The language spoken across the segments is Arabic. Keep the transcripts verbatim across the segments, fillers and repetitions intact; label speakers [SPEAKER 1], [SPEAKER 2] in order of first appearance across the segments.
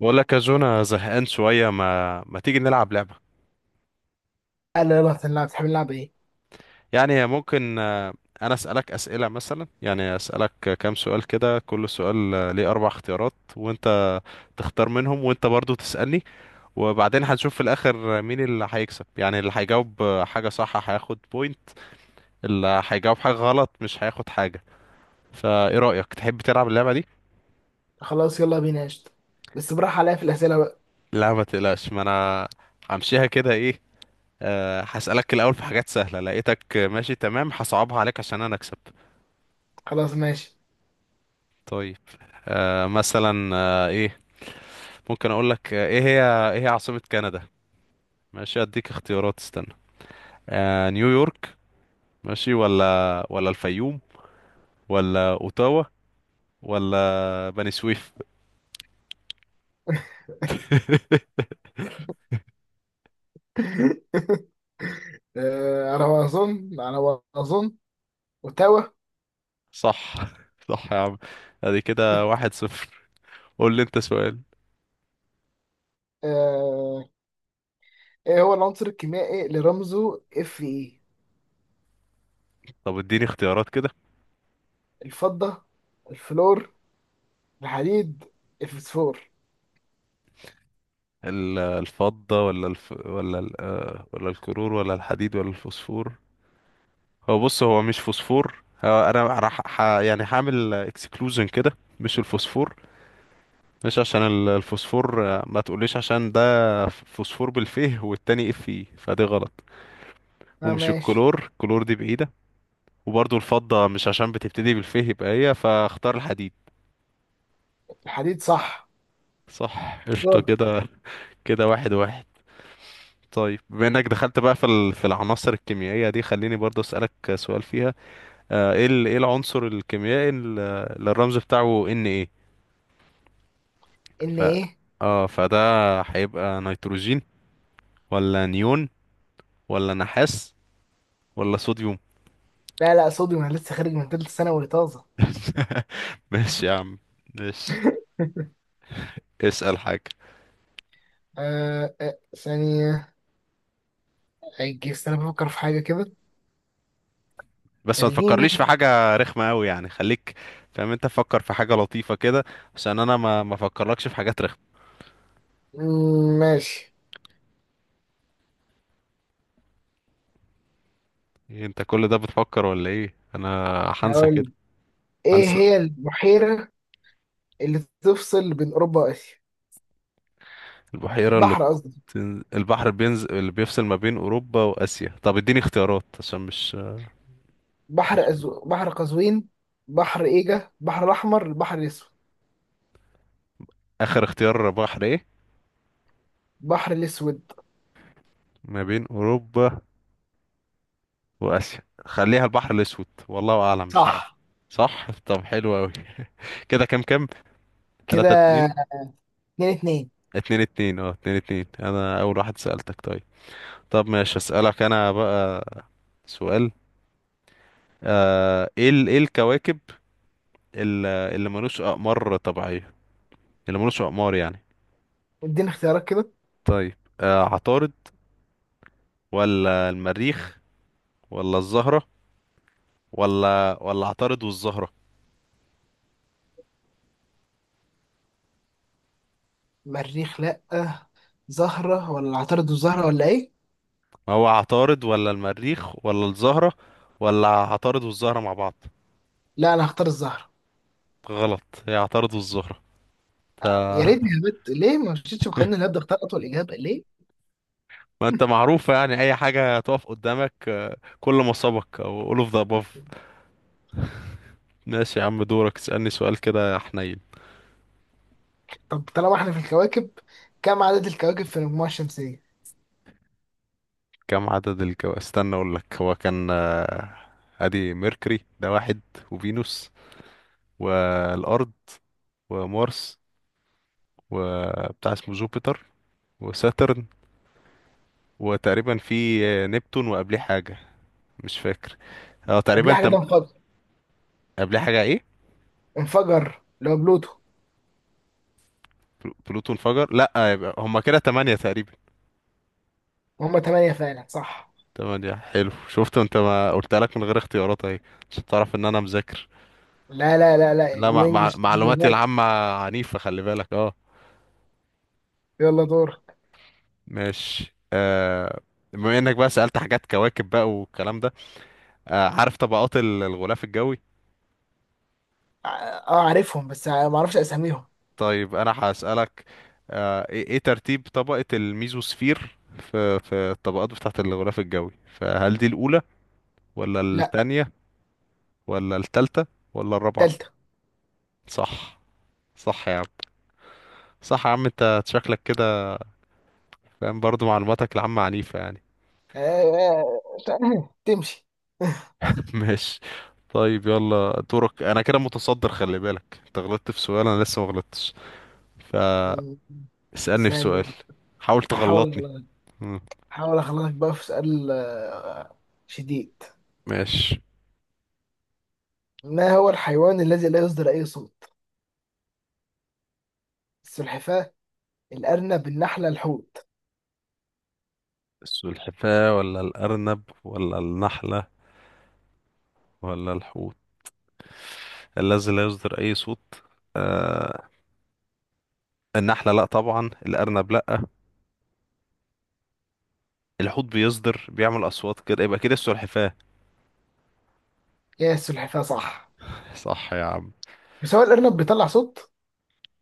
[SPEAKER 1] بقول لك يا جو، انا زهقان شوية ما ما تيجي نلعب لعبة.
[SPEAKER 2] قال لي يلا هنلعب، تحب نلعب ايه؟
[SPEAKER 1] يعني ممكن آه، أنا أسألك أسئلة، مثلا يعني أسألك كام سؤال كده، كل سؤال آه، ليه أربع اختيارات، وأنت تختار منهم، وأنت برضو تسألني، وبعدين هنشوف في الآخر مين اللي هيكسب. يعني اللي هيجاوب آه، حاجة صح هياخد بوينت، اللي هيجاوب حاجة غلط مش هياخد حاجة. فإيه رأيك، تحب تلعب اللعبة دي؟
[SPEAKER 2] خلاص يلا بينا قشطة. بس براح عليا في الأسئلة بقى.
[SPEAKER 1] لا ما تقلقش، ما أنا همشيها كده. إيه أه هسألك الأول في حاجات سهلة، لقيتك ماشي تمام هصعبها عليك عشان أنا أكسب.
[SPEAKER 2] خلاص ماشي.
[SPEAKER 1] طيب. أه مثلا أه إيه ممكن أقول لك آه، إيه هي إيه هي عاصمة كندا؟ ماشي أديك اختيارات، استنى. أه نيويورك، ماشي ولا ولا الفيوم، ولا أوتاوا، ولا بني سويف.
[SPEAKER 2] آه، على ما أظن على ما أظن وتوا.
[SPEAKER 1] صح صح يا عم. أدي كده واحد صفر. قول لي أنت سؤال.
[SPEAKER 2] آه، ايه هو العنصر الكيميائي اللي رمزه اف اي؟
[SPEAKER 1] طب اديني اختيارات كده.
[SPEAKER 2] الفضة، الفلور، الحديد، الفسفور.
[SPEAKER 1] ال- الفضة ولا الف... ولا ال... آه، ولا الكرور ولا الحديد ولا الفوسفور. هو بص هو مش فوسفور، هو انا راح ح... يعني هعمل اكسكلوجن كده. مش الفوسفور، مش عشان ال- الفوسفور آه، ما تقوليش عشان ده فوسفور بالفيه والتاني اف اي، فدي غلط.
[SPEAKER 2] اه
[SPEAKER 1] ومش
[SPEAKER 2] ماشي.
[SPEAKER 1] الكلور، الكلور دي بعيدة. وبرضو الفضة مش عشان بتبتدي بالفيه، يبقى هي، فاختار الحديد.
[SPEAKER 2] الحديد صح.
[SPEAKER 1] صح، قشطة
[SPEAKER 2] دورك.
[SPEAKER 1] كده. كده واحد واحد. طيب بما انك دخلت بقى في ال- في العناصر الكيميائية دي، خليني برضو اسألك سؤال فيها. آه، ايه ال- ايه العنصر الكيميائي اللي الرمز بتاعه ان ايه؟
[SPEAKER 2] ان
[SPEAKER 1] ف
[SPEAKER 2] ايه.
[SPEAKER 1] اه فده هيبقى نيتروجين، ولا نيون، ولا نحاس، ولا صوديوم.
[SPEAKER 2] لا لا، صوديوم، انا لسه خارج من تالتة ثانوي طازة.
[SPEAKER 1] ماشي يا عم، ماشي. اسأل حاجة.
[SPEAKER 2] آه آه، ثانية، هيجي استنى بفكر في حاجة كده.
[SPEAKER 1] بس ما
[SPEAKER 2] خلينا.
[SPEAKER 1] تفكرليش في حاجة رخمة قوي، يعني خليك فاهم انت، فكر في حاجة لطيفة كده، عشان انا ما ما افكرلكش في حاجات رخمة.
[SPEAKER 2] مم، ماشي.
[SPEAKER 1] إيه انت كل ده بتفكر ولا ايه؟ انا هنسى
[SPEAKER 2] هقول
[SPEAKER 1] كده،
[SPEAKER 2] ايه
[SPEAKER 1] هنسى.
[SPEAKER 2] هي البحيرة اللي تفصل بين اوروبا واسيا؟
[SPEAKER 1] البحيرة اللي
[SPEAKER 2] بحر قصدي،
[SPEAKER 1] بتن... البحر بينزل اللي بيفصل ما بين اوروبا واسيا، طب اديني اختيارات عشان مش,
[SPEAKER 2] بحر
[SPEAKER 1] مش...
[SPEAKER 2] أزو... بحر قزوين، بحر ايجا، بحر الاحمر، البحر الاسود.
[SPEAKER 1] اخر اختيار بحر ايه؟
[SPEAKER 2] البحر الاسود
[SPEAKER 1] ما بين اوروبا واسيا، خليها البحر الاسود والله اعلم، مش عارف.
[SPEAKER 2] صح.
[SPEAKER 1] صح، طب حلو قوي. كده كام كام؟ تلاتة
[SPEAKER 2] كده
[SPEAKER 1] اتنين.
[SPEAKER 2] اتنين اتنين.
[SPEAKER 1] اتنين اتنين اه اتنين اتنين، انا اول واحد سألتك. طيب، طب ماشي اسألك انا بقى سؤال. آه ايه ال- ايه الكواكب ال- اللي ملوش اقمار طبيعية، اللي ملوش اقمار يعني.
[SPEAKER 2] اديني اختيارات كده.
[SPEAKER 1] طيب آه عطارد، ولا المريخ، ولا الزهرة، ولا ولا عطارد والزهرة.
[SPEAKER 2] مريخ لا، زهرة ولا عطارد والزهرة ولا ايه؟
[SPEAKER 1] ما هو عطارد ولا المريخ ولا الزهرة ولا عطارد والزهرة مع بعض.
[SPEAKER 2] لا، انا هختار الزهرة.
[SPEAKER 1] غلط، يعترضوا الزهرة.
[SPEAKER 2] آه، يا ريتني هبت، ليه ما مشيتش بقانون الهبد، اختار اطول اجابة ليه.
[SPEAKER 1] ما انت معروفة يعني اي حاجة تقف قدامك آه، كل ما سبق او all of the above. ماشي يا عم، دورك اسألني سؤال كده يا حنين.
[SPEAKER 2] طب طالما احنا في الكواكب، كم عدد الكواكب في المجموعة الشمسية؟
[SPEAKER 1] كم عدد الكو، استنى اقول لك. هو كان آه، ادي ميركوري ده واحد، وفينوس، والارض، ومارس، وبتاع اسمه جوبيتر، وساترن، وتقريبا في آه، نبتون، وقبليه حاجة مش فاكر. اه
[SPEAKER 2] قبل
[SPEAKER 1] تقريبا
[SPEAKER 2] حاجة
[SPEAKER 1] تم...
[SPEAKER 2] ده؟
[SPEAKER 1] قبليه حاجة ايه؟
[SPEAKER 2] انفجر اللي هو بلوتو.
[SPEAKER 1] بلو- بلوتو انفجر لا، يبقى هما كده تمانية تقريبا.
[SPEAKER 2] وهم تمانية فعلا صح.
[SPEAKER 1] تمانية، حلو. شفت انت، ما قلت لك من غير اختيارات اهي، عشان تعرف ان انا مذاكر.
[SPEAKER 2] لا لا لا
[SPEAKER 1] لا
[SPEAKER 2] لا،
[SPEAKER 1] مع... مع...
[SPEAKER 2] وانجلش اللي
[SPEAKER 1] معلوماتي
[SPEAKER 2] فات.
[SPEAKER 1] العامة عنيفة، خلي بالك اه.
[SPEAKER 2] يلا دور.
[SPEAKER 1] ماشي آه. بما انك بقى سألت حاجات كواكب بقى والكلام ده، آه عارف طبقات ال- الغلاف الجوي؟
[SPEAKER 2] اه، آه، عارفهم، بس آه، ما اعرفش اساميهم.
[SPEAKER 1] طيب انا هسألك آه ايه ايه ترتيب طبقة الميزوسفير في في الطبقات بتاعة الغلاف الجوي، فهل دي الأولى، ولا
[SPEAKER 2] لا،
[SPEAKER 1] التانية، ولا التالتة، ولا الرابعة؟
[SPEAKER 2] تالتة.
[SPEAKER 1] صح، صح يا عم، صح يا عم. انت شكلك كده فاهم، برضو معلوماتك العامة عنيفة يعني.
[SPEAKER 2] آه، آه، آه، تمشي.
[SPEAKER 1] ماشي. طيب يلا دورك، انا كده متصدر، خلي بالك انت غلطت في سؤال انا لسه ما غلطتش، فاسألني
[SPEAKER 2] م-
[SPEAKER 1] في
[SPEAKER 2] ثانية.
[SPEAKER 1] سؤال، حاول تغلطني.
[SPEAKER 2] هحاول.
[SPEAKER 1] مم.
[SPEAKER 2] هحاول اخلصك بقى في سؤال آه، شديد.
[SPEAKER 1] ماشي.
[SPEAKER 2] ما هو الحيوان الذي لا يصدر اي صوت؟ السلحفاة، الارنب، النحلة، الحوت.
[SPEAKER 1] السلحفاة ولا الأرنب ولا النحلة ولا الحوت الذي لا يصدر أي صوت؟ آه، النحلة لأ طبعا، الأرنب لأ، الحوت بيصدر بيعمل أصوات كده، يبقى كده السلحفاة.
[SPEAKER 2] يا السلحفاة صح.
[SPEAKER 1] صح يا عم.
[SPEAKER 2] بس هو الارنب بيطلع صوت.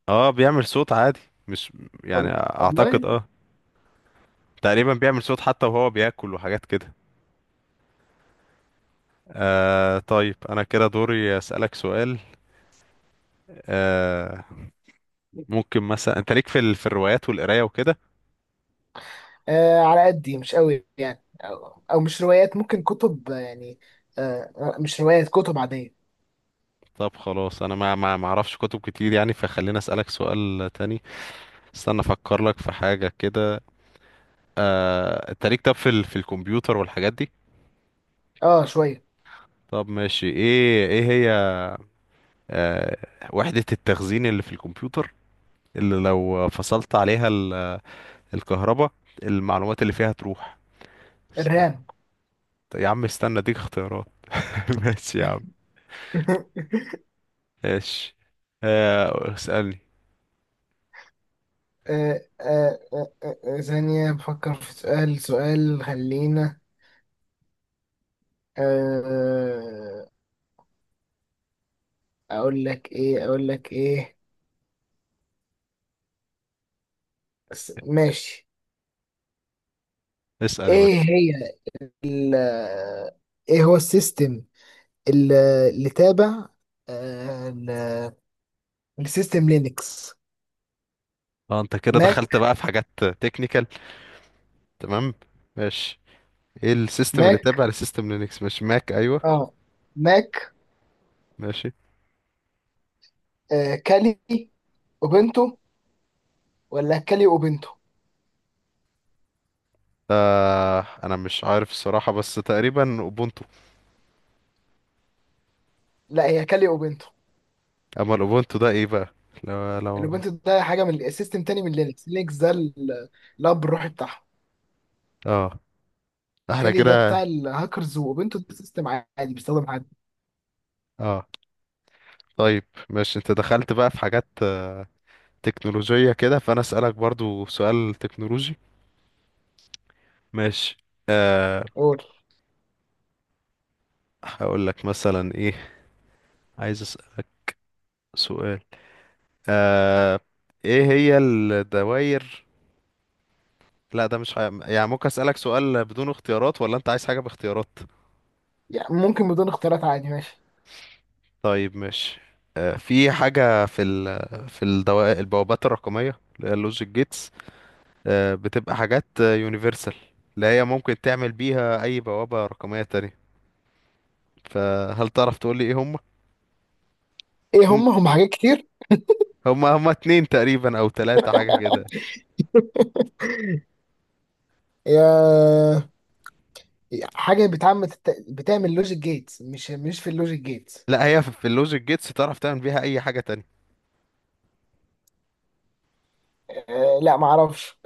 [SPEAKER 1] اه بيعمل صوت عادي، مش، يعني
[SPEAKER 2] وال-
[SPEAKER 1] أعتقد
[SPEAKER 2] والله.
[SPEAKER 1] اه تقريبا بيعمل صوت حتى وهو بياكل وحاجات كده. آه طيب انا كده دوري اسالك سؤال. آه ممكن مثلا انت ليك في ال... في الروايات والقرايه وكده؟
[SPEAKER 2] آه، على قدي مش قوي، يعني أو, أو مش روايات، ممكن كتب آه، يعني. آه مش روايات، كتب عادية.
[SPEAKER 1] طب خلاص انا ما ما ما اعرفش كتب كتير يعني، فخليني اسالك سؤال تاني. استنى افكر لك في حاجه كده. آه انت ليك طب في ال... في الكمبيوتر والحاجات دي؟
[SPEAKER 2] اه شوية.
[SPEAKER 1] طب ماشي ايه ايه هي آه وحده التخزين اللي في الكمبيوتر، اللي لو فصلت عليها ال... الكهرباء، المعلومات اللي فيها تروح؟
[SPEAKER 2] الرام.
[SPEAKER 1] طب يا عم استنى اديك اختيارات. ماشي يا عم، ماشي. آه، اسألني.
[SPEAKER 2] آه آه آه آه، آه، ثانية بفكر في سؤال سؤال، خلينا. آه أقول لك إيه، أقول لك إيه. بس ماشي.
[SPEAKER 1] اسأل يا باشا.
[SPEAKER 2] إيه هي ال إيه هو السيستم ال- اللي تابع آه ل- لسيستم لينكس.
[SPEAKER 1] اه انت كده دخلت
[SPEAKER 2] ماك.
[SPEAKER 1] بقى في حاجات تكنيكال، تمام ماشي. ايه السيستم اللي تابع
[SPEAKER 2] ماك
[SPEAKER 1] لسيستم لينكس، مش ماك؟ ايوه
[SPEAKER 2] اه ماك.
[SPEAKER 1] ماشي.
[SPEAKER 2] آه كالي اوبنتو ولا كالي اوبنتو.
[SPEAKER 1] آه انا مش عارف الصراحة بس تقريبا اوبونتو.
[SPEAKER 2] لا، هي كالي اوبنتو.
[SPEAKER 1] اما الاوبونتو ده ايه بقى؟ لو لو
[SPEAKER 2] الاوبنتو ده حاجه من سيستم تاني من لينكس. لينكس ده ال- الاب الروحي بتاعهم.
[SPEAKER 1] اه، احنا
[SPEAKER 2] كالي ده
[SPEAKER 1] كده
[SPEAKER 2] بتاع الهاكرز، واوبنتو ده سيستم عادي بيستخدم عادي.
[SPEAKER 1] اه. طيب ماشي انت دخلت بقى في حاجات آه، تكنولوجية كده، فانا اسألك برضو سؤال تكنولوجي، ماشي.
[SPEAKER 2] قول.
[SPEAKER 1] هقول لك مثلا ايه. عايز اسالك سؤال آه ايه هي الدوائر. لا ده مش ح... يعني ممكن اسالك سؤال بدون اختيارات ولا انت عايز حاجه باختيارات؟
[SPEAKER 2] يعني ممكن بدون اختيارات عادي، ماشي.
[SPEAKER 1] طيب ماشي. آه في حاجه في ال... في الدوائر، البوابات الرقميه اللي هي اللوجيك جيتس، آه بتبقى حاجات يونيفرسال اللي هي ممكن تعمل بيها اي بوابه رقميه تانية. فهل تعرف تقول لي ايه هم
[SPEAKER 2] ايه
[SPEAKER 1] هم
[SPEAKER 2] هم، هم حاجات كتير.
[SPEAKER 1] هم هم اتنين تقريبا او تلاتة حاجه كده.
[SPEAKER 2] يا، حاجه بتعمل بتعمل لوجيك جيتس، مش مش في اللوجيك جيتس.
[SPEAKER 1] لا هي في اللوجيك جيتس تعرف تعمل بيها اي حاجه تانية.
[SPEAKER 2] آه لا، معرفش.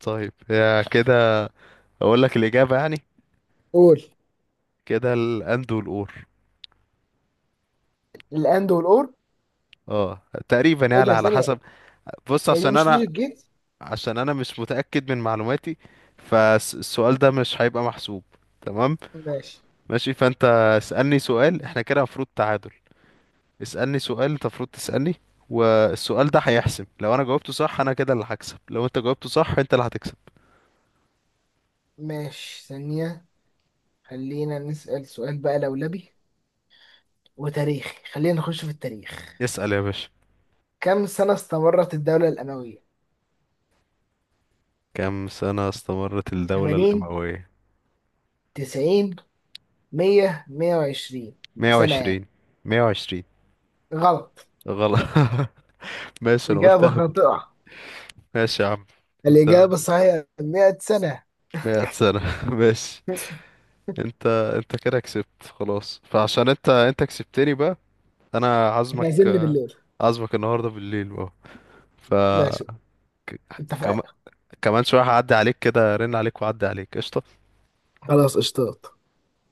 [SPEAKER 1] طيب يا كده اقول لك الاجابه يعني.
[SPEAKER 2] قول.
[SPEAKER 1] كده الاند والاور.
[SPEAKER 2] الاند والاور.
[SPEAKER 1] اه تقريبا
[SPEAKER 2] ايه
[SPEAKER 1] يعني
[SPEAKER 2] ده
[SPEAKER 1] على
[SPEAKER 2] ثانيه.
[SPEAKER 1] حسب. بص
[SPEAKER 2] هي دي
[SPEAKER 1] عشان
[SPEAKER 2] مش
[SPEAKER 1] انا،
[SPEAKER 2] لوجيك جيتس.
[SPEAKER 1] عشان انا مش متاكد من معلوماتي، فالسؤال ده مش هيبقى محسوب، تمام؟
[SPEAKER 2] ماشي.
[SPEAKER 1] ماشي فانت اسالني سؤال، احنا كده المفروض تعادل. اسالني سؤال انت المفروض تسالني، والسؤال ده هيحسم. لو انا جاوبته صح انا كده اللي هكسب، لو انت جاوبته صح انت اللي هتكسب.
[SPEAKER 2] ماشي ثانية. خلينا نسأل سؤال بقى لولبي وتاريخي، خلينا نخش في التاريخ.
[SPEAKER 1] اسال يا باشا.
[SPEAKER 2] كم سنة استمرت الدولة الأموية؟
[SPEAKER 1] كم سنه استمرت الدوله
[SPEAKER 2] ثمانين،
[SPEAKER 1] الامويه؟
[SPEAKER 2] تسعين، مية، مئة وعشرين سنة يعني.
[SPEAKER 1] مية وعشرين. مية وعشرين
[SPEAKER 2] غلط.
[SPEAKER 1] غلط. ماشي انا قلت
[SPEAKER 2] إجابة
[SPEAKER 1] اهبد.
[SPEAKER 2] خاطئة.
[SPEAKER 1] ماشي يا عم. انت
[SPEAKER 2] الإجابة الصحيحة مئة سنة.
[SPEAKER 1] مية سنة. ماشي. انت، انت كده كسبت خلاص. فعشان انت انت كسبتني بقى، انا
[SPEAKER 2] احنا
[SPEAKER 1] عازمك.
[SPEAKER 2] عايزين بالليل.
[SPEAKER 1] عازمك النهارده بالليل بقى. ف
[SPEAKER 2] ماشي
[SPEAKER 1] كم...
[SPEAKER 2] اتفقنا.
[SPEAKER 1] كمان شوية هعدي عليك كده، رن عليك وعدي عليك، قشطة.
[SPEAKER 2] خلاص اشتاط.